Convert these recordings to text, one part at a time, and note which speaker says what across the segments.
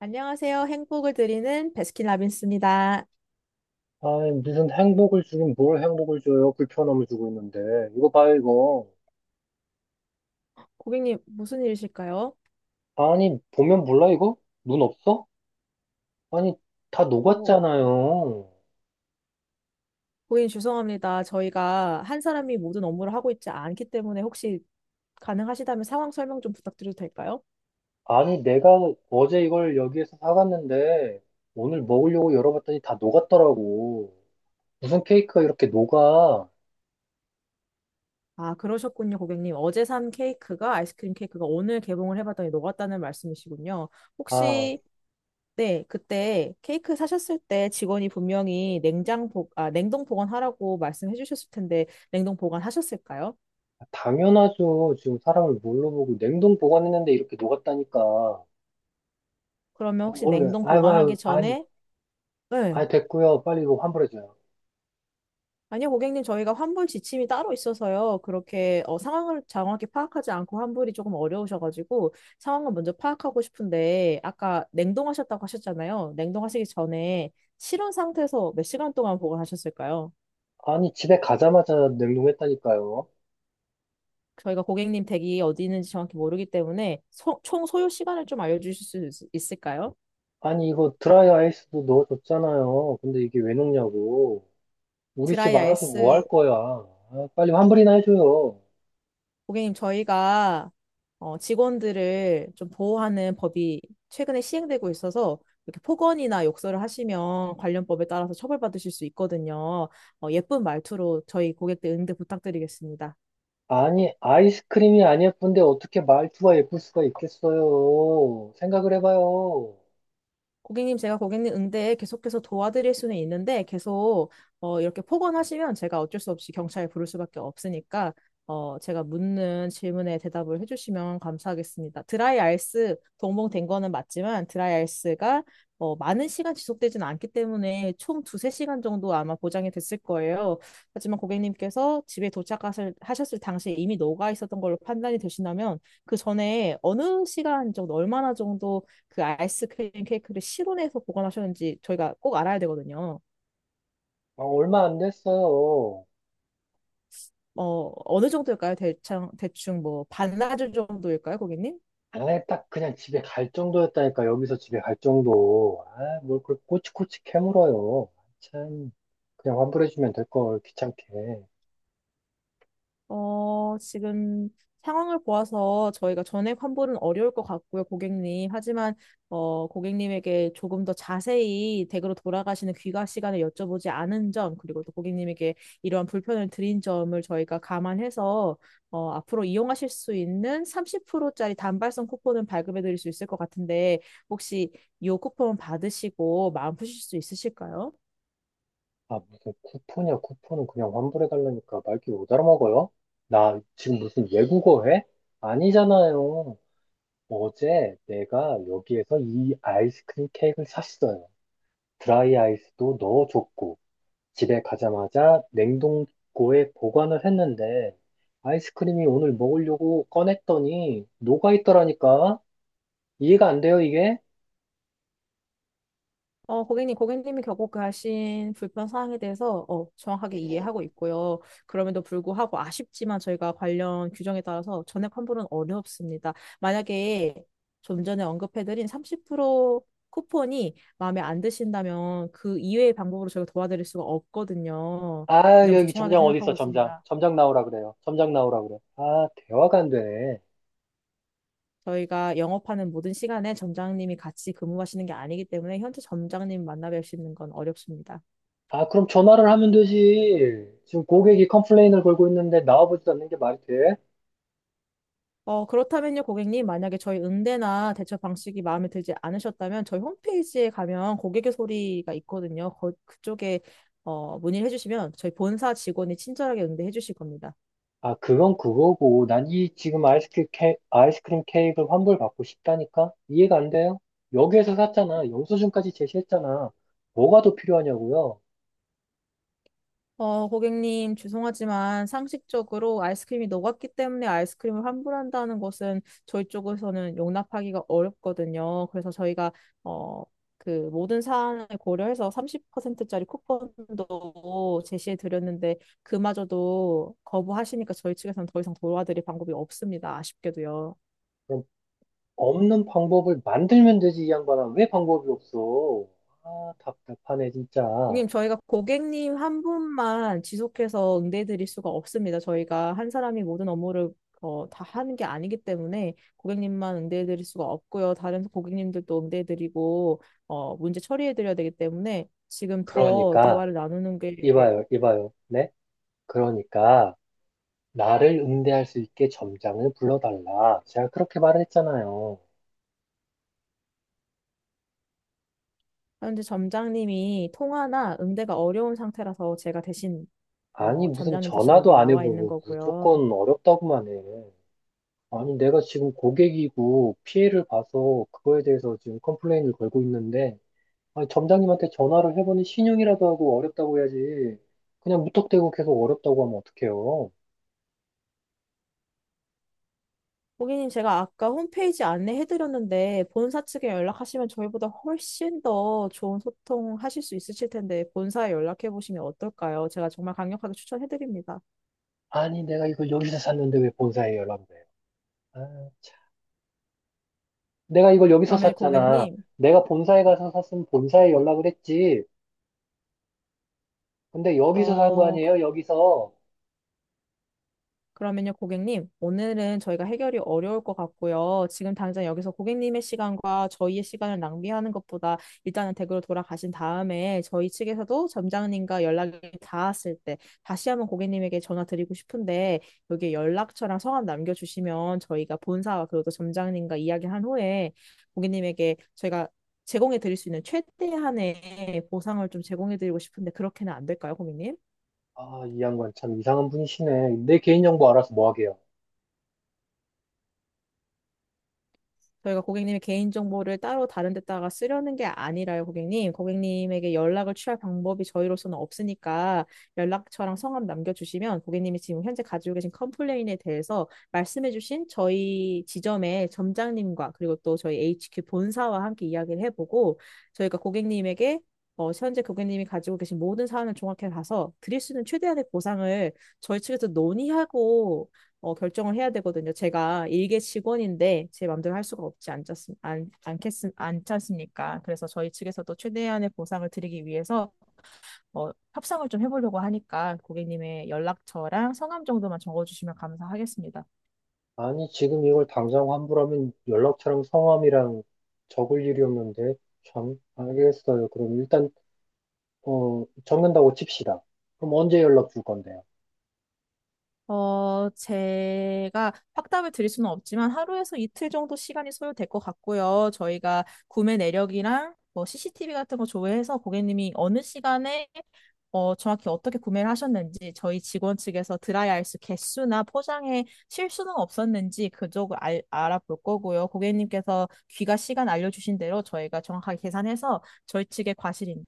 Speaker 1: 안녕하세요. 행복을 드리는 베스킨라빈스입니다.
Speaker 2: 아, 무슨 행복을 주긴 뭘 행복을 줘요? 불편함을 주고 있는데. 이거 봐요, 이거.
Speaker 1: 고객님, 무슨 일이실까요?
Speaker 2: 아니, 보면 몰라, 이거? 눈 없어? 아니, 다
Speaker 1: 어,
Speaker 2: 녹았잖아요.
Speaker 1: 고객님 죄송합니다. 저희가 한 사람이 모든 업무를 하고 있지 않기 때문에 혹시 가능하시다면 상황 설명 좀 부탁드려도 될까요?
Speaker 2: 아니, 내가 어제 이걸 여기에서 사갔는데, 오늘 먹으려고 열어봤더니 다 녹았더라고. 무슨 케이크가 이렇게 녹아?
Speaker 1: 아, 그러셨군요, 고객님. 어제 산 케이크가 아이스크림 케이크가 오늘 개봉을 해봤더니 녹았다는 말씀이시군요.
Speaker 2: 아,
Speaker 1: 혹시 네, 그때 케이크 사셨을 때 직원이 분명히 냉동 보관하라고 말씀해 주셨을 텐데 냉동 보관하셨을까요?
Speaker 2: 당연하죠. 지금 사람을 뭘로 보고 냉동 보관했는데 이렇게 녹았다니까.
Speaker 1: 그러면
Speaker 2: 아,
Speaker 1: 혹시
Speaker 2: 모르겠
Speaker 1: 냉동 보관하기
Speaker 2: 아니,
Speaker 1: 전에 네.
Speaker 2: 아니, 됐고요. 빨리 이거 환불해줘요.
Speaker 1: 아니요, 고객님, 저희가 환불 지침이 따로 있어서요. 그렇게 상황을 정확히 파악하지 않고 환불이 조금 어려우셔가지고 상황을 먼저 파악하고 싶은데 아까 냉동하셨다고 하셨잖아요. 냉동하시기 전에 실온 상태에서 몇 시간 동안 보관하셨을까요?
Speaker 2: 아니, 집에 가자마자 냉동했다니까요.
Speaker 1: 저희가 고객님 댁이 어디 있는지 정확히 모르기 때문에 총 소요 시간을 좀 알려주실 수 있을까요?
Speaker 2: 아니, 이거 드라이 아이스도 넣어줬잖아요. 근데 이게 왜 넣냐고. 우리 집
Speaker 1: 드라이
Speaker 2: 알아서 뭐 할
Speaker 1: 아이스
Speaker 2: 거야. 아, 빨리 환불이나 해줘요.
Speaker 1: 고객님, 저희가 직원들을 좀 보호하는 법이 최근에 시행되고 있어서 이렇게 폭언이나 욕설을 하시면 관련 법에 따라서 처벌받으실 수 있거든요. 예쁜 말투로 저희 고객들 응대 부탁드리겠습니다.
Speaker 2: 아니, 아이스크림이 안 예쁜데 어떻게 말투가 예쁠 수가 있겠어요. 생각을 해봐요.
Speaker 1: 고객님, 제가 고객님 응대에 계속해서 도와드릴 수는 있는데 계속 이렇게 폭언하시면 제가 어쩔 수 없이 경찰에 부를 수밖에 없으니까 제가 묻는 질문에 대답을 해주시면 감사하겠습니다. 드라이 아이스 동봉된 거는 맞지만 드라이 아이스가 많은 시간 지속되진 않기 때문에 총 두세 시간 정도 아마 보장이 됐을 거예요. 하지만 고객님께서 집에 도착하셨을 하셨을 당시에 이미 녹아 있었던 걸로 판단이 되신다면 그 전에 어느 시간 정도, 얼마나 정도 그 아이스크림 케이크를 실온에서 보관하셨는지 저희가 꼭 알아야 되거든요.
Speaker 2: 아, 얼마 안 됐어요.
Speaker 1: 어느 정도일까요? 대충, 뭐, 반나절 정도일까요, 고객님?
Speaker 2: 아예 딱 그냥 집에 갈 정도였다니까, 여기서 집에 갈 정도. 아, 뭘 그걸 꼬치꼬치 캐물어요. 참, 그냥 환불해주면 될 걸, 귀찮게.
Speaker 1: 지금 상황을 보아서 저희가 전액 환불은 어려울 것 같고요, 고객님. 하지만, 고객님에게 조금 더 자세히 댁으로 돌아가시는 귀가 시간에 여쭤보지 않은 점, 그리고 또 고객님에게 이러한 불편을 드린 점을 저희가 감안해서, 앞으로 이용하실 수 있는 30%짜리 단발성 쿠폰을 발급해 드릴 수 있을 것 같은데, 혹시 이 쿠폰 받으시고 마음 푸실 수 있으실까요?
Speaker 2: 아, 무슨 쿠폰이야, 쿠폰은 그냥 환불해달라니까 말귀 못 알아먹어요? 나 지금 무슨 외국어 해? 아니잖아요. 어제 내가 여기에서 이 아이스크림 케이크를 샀어요. 드라이 아이스도 넣어줬고, 집에 가자마자 냉동고에 보관을 했는데, 아이스크림이 오늘 먹으려고 꺼냈더니 녹아있더라니까? 이해가 안 돼요, 이게?
Speaker 1: 고객님, 고객님이 겪어가신 불편 사항에 대해서 정확하게 이해하고 있고요. 그럼에도 불구하고 아쉽지만 저희가 관련 규정에 따라서 전액 환불은 어렵습니다. 만약에 좀 전에 언급해드린 30% 쿠폰이 마음에 안 드신다면 그 이외의 방법으로 저희가 도와드릴 수가 없거든요. 그
Speaker 2: 아,
Speaker 1: 점
Speaker 2: 여기
Speaker 1: 죄송하게
Speaker 2: 점장 어디 있어,
Speaker 1: 생각하고
Speaker 2: 점장.
Speaker 1: 있습니다.
Speaker 2: 점장 나오라 그래요. 점장 나오라 그래. 아, 대화가 안 되네.
Speaker 1: 저희가 영업하는 모든 시간에 점장님이 같이 근무하시는 게 아니기 때문에 현재 점장님 만나 뵙시는 건 어렵습니다.
Speaker 2: 아, 그럼 전화를 하면 되지. 지금 고객이 컴플레인을 걸고 있는데 나와보지도 않는 게 말이 돼?
Speaker 1: 그렇다면요, 고객님, 만약에 저희 응대나 대처 방식이 마음에 들지 않으셨다면 저희 홈페이지에 가면 고객의 소리가 있거든요. 그쪽에 문의를 해주시면 저희 본사 직원이 친절하게 응대해 주실 겁니다.
Speaker 2: 아, 그건 그거고. 난 이 지금 아이스크림, 케, 아이스크림 케이크를 환불받고 싶다니까? 이해가 안 돼요? 여기에서 샀잖아. 영수증까지 제시했잖아. 뭐가 더 필요하냐고요?
Speaker 1: 고객님, 죄송하지만 상식적으로 아이스크림이 녹았기 때문에 아이스크림을 환불한다는 것은 저희 쪽에서는 용납하기가 어렵거든요. 그래서 저희가, 어, 그 모든 사안을 고려해서 30%짜리 쿠폰도 제시해 드렸는데 그마저도 거부하시니까 저희 측에서는 더 이상 도와드릴 방법이 없습니다. 아쉽게도요.
Speaker 2: 그럼 없는 방법을 만들면 되지, 이 양반아. 왜 방법이 없어? 아, 답답하네, 진짜.
Speaker 1: 고객님, 저희가 고객님 한 분만 지속해서 응대해 드릴 수가 없습니다. 저희가 한 사람이 모든 업무를 다 하는 게 아니기 때문에 고객님만 응대해 드릴 수가 없고요. 다른 고객님들도 응대해 드리고 문제 처리해 드려야 되기 때문에 지금 더
Speaker 2: 그러니까,
Speaker 1: 대화를 나누는 게
Speaker 2: 이봐요, 이봐요. 네? 그러니까. 나를 응대할 수 있게 점장을 불러달라. 제가 그렇게 말을 했잖아요.
Speaker 1: 현재 점장님이 통화나 응대가 어려운 상태라서 제가 대신
Speaker 2: 아니, 무슨
Speaker 1: 점장님 대신 여기
Speaker 2: 전화도 안
Speaker 1: 나와 있는
Speaker 2: 해보고
Speaker 1: 거고요.
Speaker 2: 무조건 어렵다고만 해. 아니, 내가 지금 고객이고 피해를 봐서 그거에 대해서 지금 컴플레인을 걸고 있는데, 아니, 점장님한테 전화를 해보니 신용이라도 하고 어렵다고 해야지. 그냥 무턱대고 계속 어렵다고 하면 어떡해요?
Speaker 1: 고객님, 제가 아까 홈페이지 안내해드렸는데, 본사 측에 연락하시면 저희보다 훨씬 더 좋은 소통하실 수 있으실 텐데, 본사에 연락해보시면 어떨까요? 제가 정말 강력하게 추천해드립니다.
Speaker 2: 아니, 내가 이걸 여기서 샀는데 왜 본사에 연락을 해요? 아, 참. 내가 이걸 여기서
Speaker 1: 그러면
Speaker 2: 샀잖아.
Speaker 1: 고객님,
Speaker 2: 내가 본사에 가서 샀으면 본사에 연락을 했지. 근데 여기서 산 거
Speaker 1: 어,
Speaker 2: 아니에요? 여기서.
Speaker 1: 그러면요, 고객님, 오늘은 저희가 해결이 어려울 것 같고요. 지금 당장 여기서 고객님의 시간과 저희의 시간을 낭비하는 것보다 일단은 댁으로 돌아가신 다음에 저희 측에서도 점장님과 연락이 닿았을 때 다시 한번 고객님에게 전화 드리고 싶은데 여기에 연락처랑 성함 남겨주시면 저희가 본사와 그리고 또 점장님과 이야기한 후에 고객님에게 저희가 제공해 드릴 수 있는 최대한의 보상을 좀 제공해 드리고 싶은데 그렇게는 안 될까요, 고객님?
Speaker 2: 아, 이 양반 참 이상한 분이시네. 내 개인정보 알아서 뭐 하게요?
Speaker 1: 저희가 고객님의 개인정보를 따로 다른 데다가 쓰려는 게 아니라요, 고객님. 고객님에게 연락을 취할 방법이 저희로서는 없으니까 연락처랑 성함 남겨주시면 고객님이 지금 현재 가지고 계신 컴플레인에 대해서 말씀해주신 저희 지점의 점장님과 그리고 또 저희 HQ 본사와 함께 이야기를 해보고 저희가 고객님에게 현재 고객님이 가지고 계신 모든 사안을 종합해 봐서 드릴 수 있는 최대한의 보상을 저희 측에서 논의하고 결정을 해야 되거든요. 제가 일개 직원인데 제 마음대로 할 수가 없지 않겠습, 안, 않겠, 않지 않습니까? 그래서 저희 측에서도 최대한의 보상을 드리기 위해서 협상을 좀 해보려고 하니까 고객님의 연락처랑 성함 정도만 적어주시면 감사하겠습니다.
Speaker 2: 아니, 지금 이걸 당장 환불하면 연락처랑 성함이랑 적을 일이 없는데. 참, 알겠어요. 그럼 일단, 어, 적는다고 칩시다. 그럼 언제 연락 줄 건데요?
Speaker 1: 제가 확답을 드릴 수는 없지만 하루에서 이틀 정도 시간이 소요될 것 같고요. 저희가 구매 내력이랑 뭐 CCTV 같은 거 조회해서 고객님이 어느 시간에 정확히 어떻게 구매를 하셨는지 저희 직원 측에서 드라이 아이스 개수나 포장에 실수는 없었는지 그쪽을 아볼 거고요. 고객님께서 귀가 시간 알려주신 대로 저희가 정확하게 계산해서 저희 측의 과실인지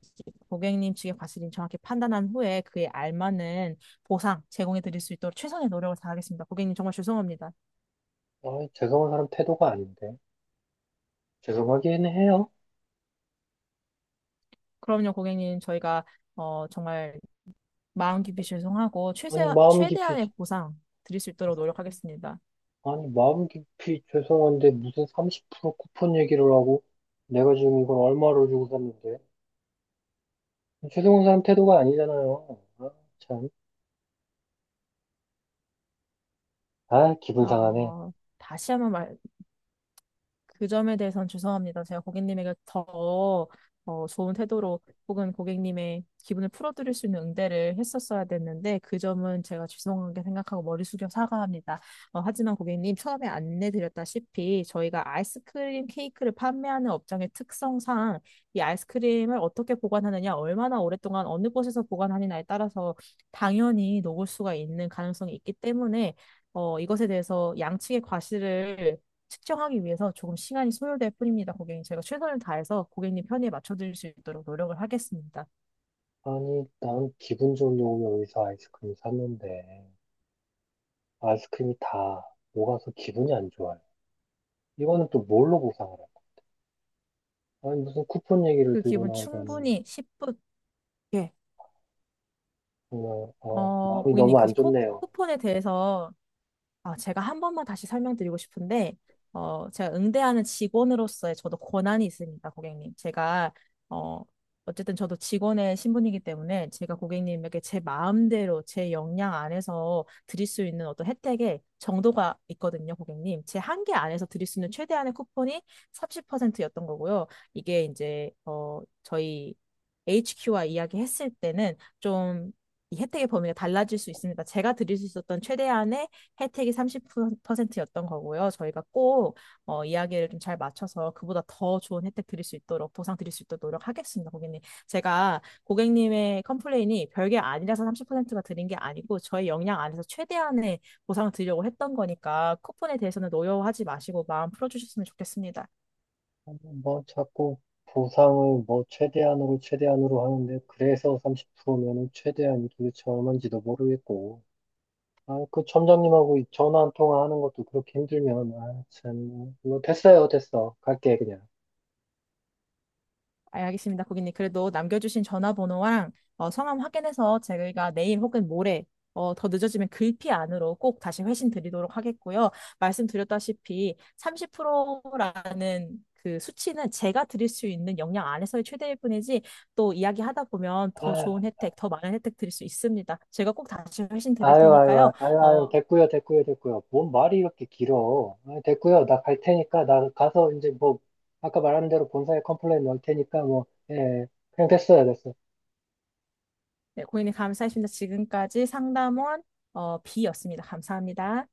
Speaker 1: 고객님 측의 과실인지 정확히 판단한 후에 그에 알맞는 보상 제공해 드릴 수 있도록 최선의 노력을 다하겠습니다. 고객님 정말 죄송합니다.
Speaker 2: 아, 죄송한 사람 태도가 아닌데. 죄송하긴 해요.
Speaker 1: 그럼요, 고객님 저희가 정말 마음 깊이 죄송하고
Speaker 2: 아니, 마음 깊이,
Speaker 1: 최대한의 보상 드릴 수 있도록 노력하겠습니다.
Speaker 2: 아니, 마음 깊이 죄송한데 무슨 30% 쿠폰 얘기를 하고 내가 지금 이걸 얼마로 주고 샀는데. 최승훈 사람 태도가 아니잖아요. 아, 참. 아, 기분 상하네.
Speaker 1: 어, 다시 한번 말, 그 점에 대해서는 죄송합니다. 제가 고객님에게 더 좋은 태도로 혹은 고객님의 기분을 풀어드릴 수 있는 응대를 했었어야 됐는데 그 점은 제가 죄송하게 생각하고 머리 숙여 사과합니다. 하지만 고객님 처음에 안내드렸다시피 저희가 아이스크림 케이크를 판매하는 업장의 특성상 이 아이스크림을 어떻게 보관하느냐, 얼마나 오랫동안 어느 곳에서 보관하느냐에 따라서 당연히 녹을 수가 있는 가능성이 있기 때문에 이것에 대해서 양측의 과실을 측정하기 위해서 조금 시간이 소요될 뿐입니다, 고객님. 제가 최선을 다해서 고객님 편의에 맞춰드릴 수 있도록 노력을 하겠습니다.
Speaker 2: 아니, 난 기분 좋으려고 여기서 아이스크림 샀는데, 아이스크림이 다 녹아서 기분이 안 좋아요. 이거는 또 뭘로 보상을 할까? 아니, 무슨 쿠폰 얘기를
Speaker 1: 그
Speaker 2: 들고
Speaker 1: 기분
Speaker 2: 나오다니.
Speaker 1: 충분히 10분, 예.
Speaker 2: 정말, 마음이
Speaker 1: 고객님,
Speaker 2: 너무
Speaker 1: 그
Speaker 2: 안 좋네요.
Speaker 1: 쿠폰에 대해서 제가 한 번만 다시 설명드리고 싶은데, 제가 응대하는 직원으로서의 저도 권한이 있습니다, 고객님. 제가, 어, 어쨌든 저도 직원의 신분이기 때문에 제가 고객님에게 제 마음대로 제 역량 안에서 드릴 수 있는 어떤 혜택의 정도가 있거든요, 고객님. 제 한계 안에서 드릴 수 있는 최대한의 쿠폰이 30%였던 거고요. 이게 이제, 저희 HQ와 이야기했을 때는 좀 이 혜택의 범위가 달라질 수 있습니다. 제가 드릴 수 있었던 최대한의 혜택이 30%였던 거고요. 저희가 꼭 이야기를 좀 잘 맞춰서 그보다 더 좋은 혜택 드릴 수 있도록 보상 드릴 수 있도록 노력하겠습니다, 고객님. 제가 고객님의 컴플레인이 별게 아니라서 30%가 드린 게 아니고 저희 역량 안에서 최대한의 보상을 드리려고 했던 거니까 쿠폰에 대해서는 노여워하지 마시고 마음 풀어주셨으면 좋겠습니다.
Speaker 2: 아니, 뭐, 자꾸 보상을 뭐, 최대한으로 하는데, 그래서 30%면은 최대한이 도대체 얼마인지도 모르겠고. 아, 그 점장님하고 이 전화 한 통화하는 것도 그렇게 힘들면, 아, 참. 뭐, 됐어요, 됐어. 갈게, 그냥.
Speaker 1: 알겠습니다, 고객님. 그래도 남겨주신 전화번호랑 성함 확인해서 저희가 내일 혹은 모레 더 늦어지면 글피 안으로 꼭 다시 회신 드리도록 하겠고요. 말씀드렸다시피 30%라는 그 수치는 제가 드릴 수 있는 역량 안에서의 최대일 뿐이지 또 이야기하다 보면 더
Speaker 2: 아,
Speaker 1: 좋은 혜택, 더 많은 혜택 드릴 수 있습니다. 제가 꼭 다시 회신 드릴 테니까요. 어,
Speaker 2: 됐고요. 뭔 말이 이렇게 길어. 아, 됐고요, 나 갈 테니까, 나 가서 이제 뭐, 아까 말한 대로 본사에 컴플레인 넣을 테니까, 뭐, 예, 그냥 됐어요, 됐어.
Speaker 1: 네, 고객님 감사했습니다. 지금까지 상담원 B였습니다. 감사합니다.